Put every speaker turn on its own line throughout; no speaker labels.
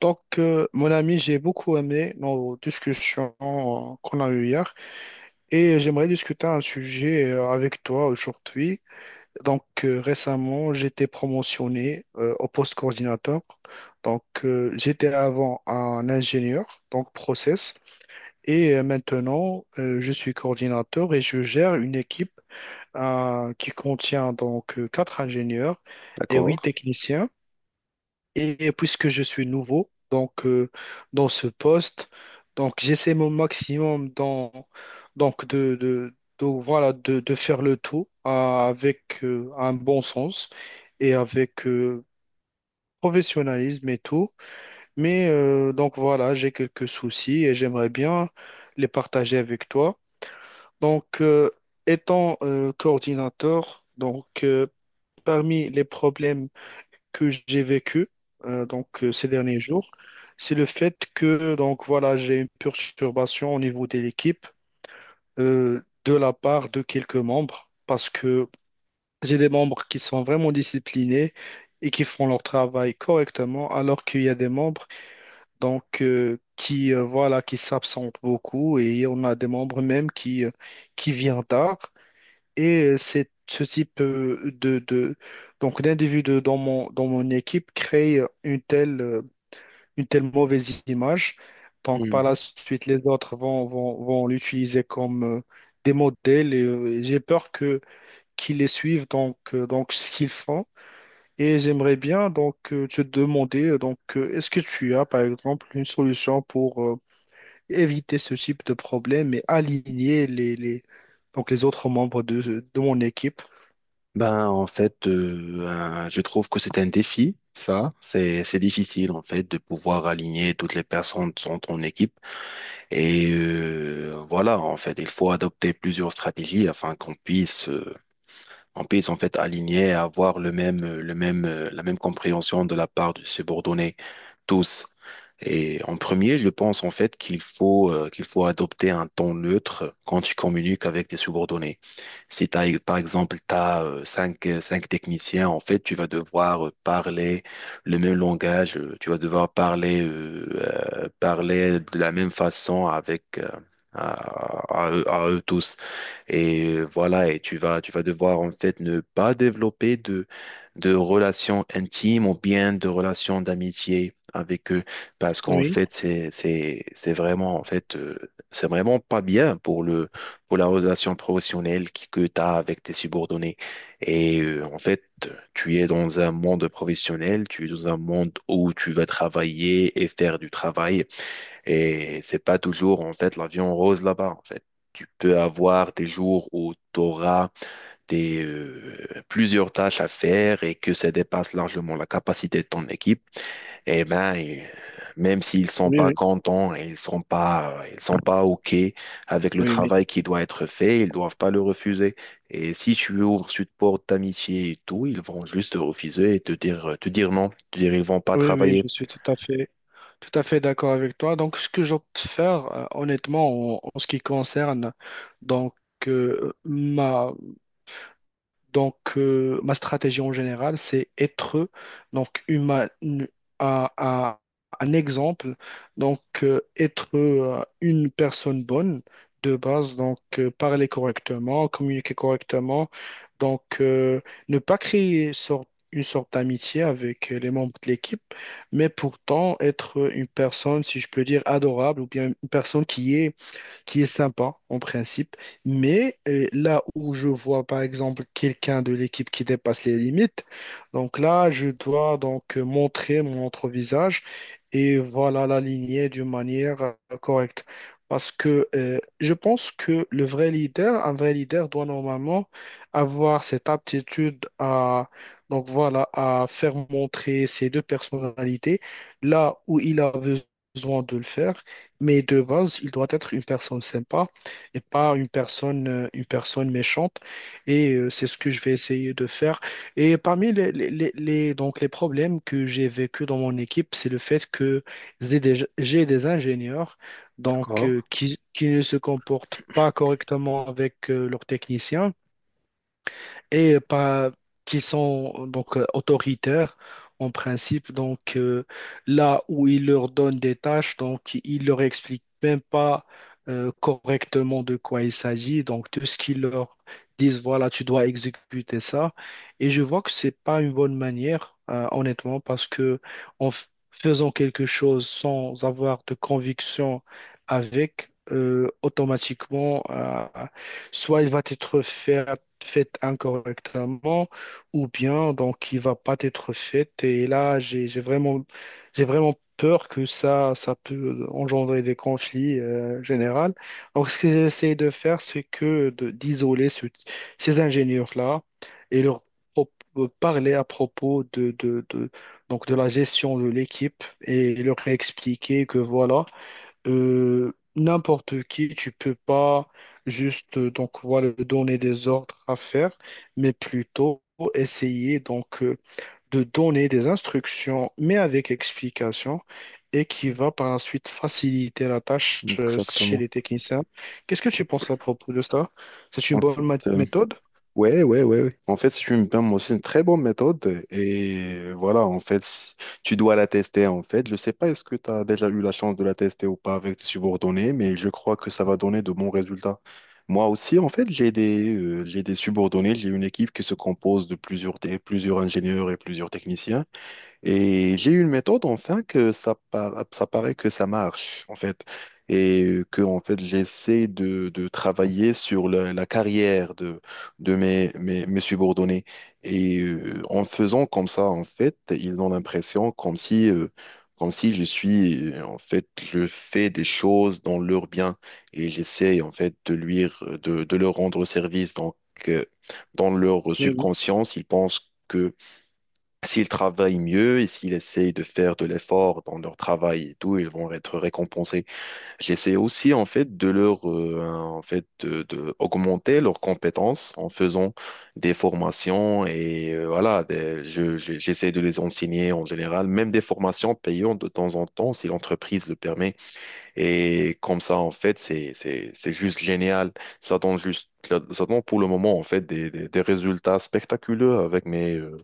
Mon ami, j'ai beaucoup aimé nos discussions qu'on a eues hier et j'aimerais discuter un sujet avec toi aujourd'hui. Récemment, j'étais promotionné au poste coordinateur. J'étais avant un ingénieur, donc process, et maintenant, je suis coordinateur et je gère une équipe qui contient 4 ingénieurs et 8
D'accord.
techniciens. Et puisque je suis nouveau, dans ce poste, donc j'essaie mon maximum dans, donc voilà de faire le tout avec un bon sens et avec professionnalisme et tout. Mais donc voilà, j'ai quelques soucis et j'aimerais bien les partager avec toi. Donc euh, Étant coordinateur, parmi les problèmes que j'ai vécu ces derniers jours, c'est le fait que donc voilà, j'ai une perturbation au niveau de l'équipe de la part de quelques membres parce que j'ai des membres qui sont vraiment disciplinés et qui font leur travail correctement, alors qu'il y a des membres qui voilà qui s'absentent beaucoup et on a des membres même qui viennent tard. Et c'est ce type de donc d'individu dans mon équipe crée une telle mauvaise image. Donc par la
Mhm.
suite, les autres vont l'utiliser comme des modèles et j'ai peur que qu'ils les suivent donc ce qu'ils font. Et j'aimerais bien te demander est-ce que tu as par exemple une solution pour éviter ce type de problème et aligner les donc les autres membres de mon équipe?
Je trouve que c'est un défi, ça. C'est difficile, en fait, de pouvoir aligner toutes les personnes dans ton équipe. Et voilà, en fait, il faut adopter plusieurs stratégies afin qu'on puisse on puisse en fait aligner et avoir le même, la même compréhension de la part de subordonnés, tous. Et en premier, je pense en fait qu'il faut adopter un ton neutre quand tu communiques avec tes subordonnés. Si tu as cinq, cinq techniciens, en fait, tu vas devoir parler le même langage, tu vas devoir parler, parler de la même façon avec, à eux tous. Et voilà, et tu vas devoir en fait ne pas développer de relations intimes ou bien de relations d'amitié avec eux parce qu'en
Oui.
fait, c'est vraiment, en fait, c'est vraiment pas bien pour le, pour la relation professionnelle que tu as avec tes subordonnés. Et tu es dans un monde professionnel, tu es dans un monde où tu vas travailler et faire du travail et c'est pas toujours, en fait, l'avion rose là-bas, en fait. Tu peux avoir des jours où tu auras des, plusieurs tâches à faire et que ça dépasse largement la capacité de ton équipe. Et ben, et, euh, Même s'ils sont
Oui,
pas
oui,
contents et ils sont pas OK avec le
oui, oui,
travail qui doit être fait, ils doivent pas le refuser. Et si tu ouvres cette porte d'amitié et tout, ils vont juste te refuser et te dire non, te dire ils vont pas
oui, oui,
travailler.
je suis tout à fait d'accord avec toi. Donc, ce que j'opte faire, honnêtement, en ce qui concerne donc euh, ma, ma stratégie en général, c'est être donc humain un, un- un exemple, être une personne bonne de base, parler correctement, communiquer correctement, donc euh, ne pas créer sorte- une sorte d'amitié avec les membres de l'équipe, mais pourtant être une personne, si je peux dire, adorable ou bien une personne qui est sympa en principe, mais là où je vois par exemple quelqu'un de l'équipe qui dépasse les limites, donc là je dois montrer mon autre visage et voilà la lignée d'une manière correcte. Parce que je pense que un vrai leader doit normalement avoir cette aptitude à, donc voilà, à faire montrer ses deux personnalités là où il a besoin de le faire, mais de base, il doit être une personne sympa et pas une personne, une personne méchante. Et c'est ce que je vais essayer de faire. Et parmi donc les problèmes que j'ai vécu dans mon équipe, c'est le fait que j'ai des ingénieurs
D'accord?
qui ne se comportent pas correctement avec leurs techniciens et pas qui sont autoritaires en principe. Là où ils leur donnent des tâches, donc ils leur expliquent même pas correctement de quoi il s'agit. Donc tout ce qu'ils leur disent, voilà, tu dois exécuter ça. Et je vois que c'est pas une bonne manière, honnêtement, parce que faisant quelque chose sans avoir de conviction avec, automatiquement, soit il va être fait, fait incorrectement, ou bien donc il va pas être fait. Et là, j'ai vraiment peur que ça peut engendrer des conflits généraux. Donc, ce que j'essaie de faire, c'est que d'isoler ces ingénieurs-là et leur parler à propos donc de la gestion de l'équipe et leur expliquer que voilà n'importe qui, tu peux pas juste donc voilà donner des ordres à faire, mais plutôt essayer de donner des instructions, mais avec explication, et qui va par la suite faciliter la tâche chez
Exactement.
les techniciens. Qu'est-ce que tu penses à propos de ça? C'est une bonne
Ensuite,
méthode?
ouais, ouais, ouais, ouais. En fait, si tu me permets, c'est une très bonne méthode. Et voilà, en fait, tu dois la tester, en fait. Je sais pas est-ce que tu as déjà eu la chance de la tester ou pas avec tes subordonnés, mais je crois que ça va donner de bons résultats. Moi aussi, en fait, j'ai des subordonnés, j'ai une équipe qui se compose de plusieurs, plusieurs ingénieurs et plusieurs techniciens. Et j'ai une méthode, enfin, que ça, ça paraît que ça marche, en fait. Et que, en fait, j'essaie de travailler sur la, la carrière de mes, mes subordonnés. Et en faisant comme ça, en fait, ils ont l'impression comme si je suis, en fait, je fais des choses dans leur bien. Et j'essaie, en fait, de leur rendre service. Donc, euh, dans leur
Oui, oui,
subconscience, ils pensent que s'ils travaillent mieux et s'ils essayent de faire de l'effort dans leur travail et tout, ils vont être récompensés. J'essaie aussi en fait de leur de augmenter leurs compétences en faisant des formations et voilà, j'essaie de les enseigner en général, même des formations payantes de temps en temps si l'entreprise le permet. Et comme ça en fait, c'est juste génial. Ça donne juste ça donne pour le moment en fait des résultats spectaculaires avec mes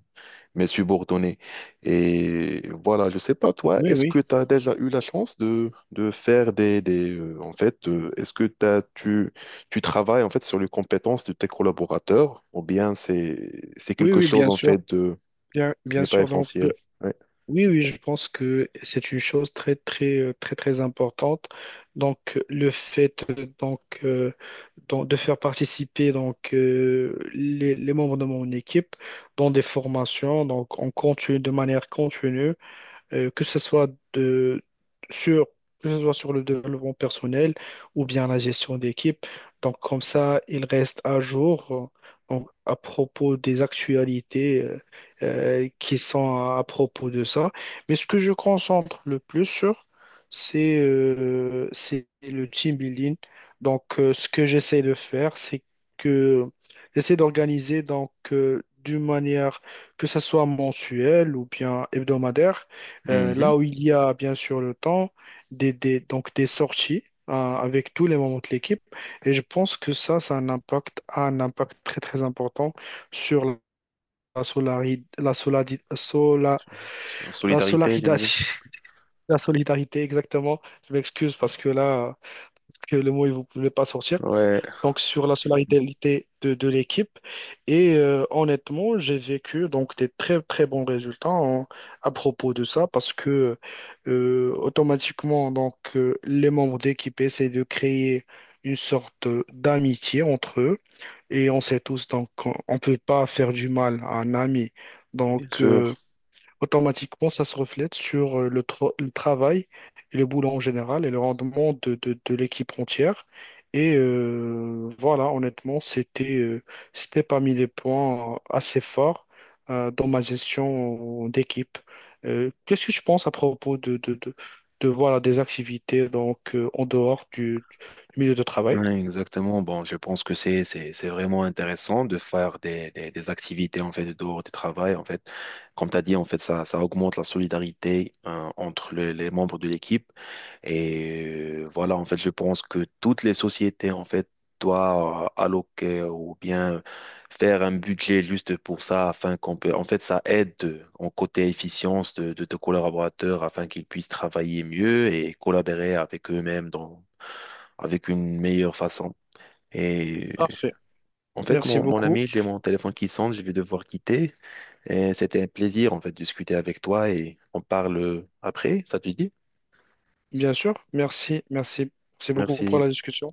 mes subordonnés. Et voilà, je sais pas, toi,
oui,
est-ce
oui,
que tu as déjà eu la chance de faire est-ce que tu travailles en fait sur les compétences de tes collaborateurs ou bien c'est
oui,
quelque
oui,
chose
bien
en
sûr,
fait de qui
bien
n'est pas
sûr. Donc
essentiel. Ouais.
oui, oui, je pense que c'est une chose très, très importante. Le fait donc, de faire participer les membres de mon équipe dans des formations, donc on continue de manière continue que ce soit de, sur, que ce soit sur le développement personnel ou bien la gestion d'équipe. Donc, comme ça, il reste à jour à propos des actualités qui sont à propos de ça. Mais ce que je concentre le plus sur, c'est le team building. Ce que j'essaie de faire, c'est que j'essaie d'organiser d'une manière que ça soit mensuelle ou bien hebdomadaire
Mhm.
là où il y a bien sûr le temps, donc des sorties avec tous les membres de l'équipe. Et je pense que ça a a un impact très très important sur la, solari- la, soladi- sola- la
Solidarité,
solidarité.
j'imagine.
La solidarité, exactement. Je m'excuse parce que là, que le mot, il ne voulait pas sortir
Ouais,
donc sur la solidarité de l'équipe. Et honnêtement, j'ai vécu donc des très très bons résultats à propos de ça parce que automatiquement les membres de l'équipe essaient de créer une sorte d'amitié entre eux et on sait tous donc on peut pas faire du mal à un ami.
bien
Donc euh,
sûr.
Automatiquement, ça se reflète sur le travail et le boulot en général et le rendement de l'équipe entière. Et voilà, honnêtement, c'était c'était parmi les points assez forts dans ma gestion d'équipe. Qu'est-ce que tu penses à propos voilà, des activités en dehors du milieu de travail?
Ouais, exactement. Bon, je pense que c'est vraiment intéressant de faire des activités en fait dehors du travail en fait. Comme tu as dit en fait ça augmente la solidarité entre les membres de l'équipe et voilà en fait je pense que toutes les sociétés en fait doivent alloquer ou bien faire un budget juste pour ça afin qu'on peut en fait ça aide en côté efficience de tes collaborateurs afin qu'ils puissent travailler mieux et collaborer avec eux-mêmes dans avec une meilleure façon. Et
Parfait. Merci
mon, mon
beaucoup.
ami, j'ai mon téléphone qui sonne, je vais devoir quitter. Et c'était un plaisir, en fait, de discuter avec toi et on parle après, ça te dit?
Bien sûr, merci, merci. Merci beaucoup pour
Merci.
la discussion.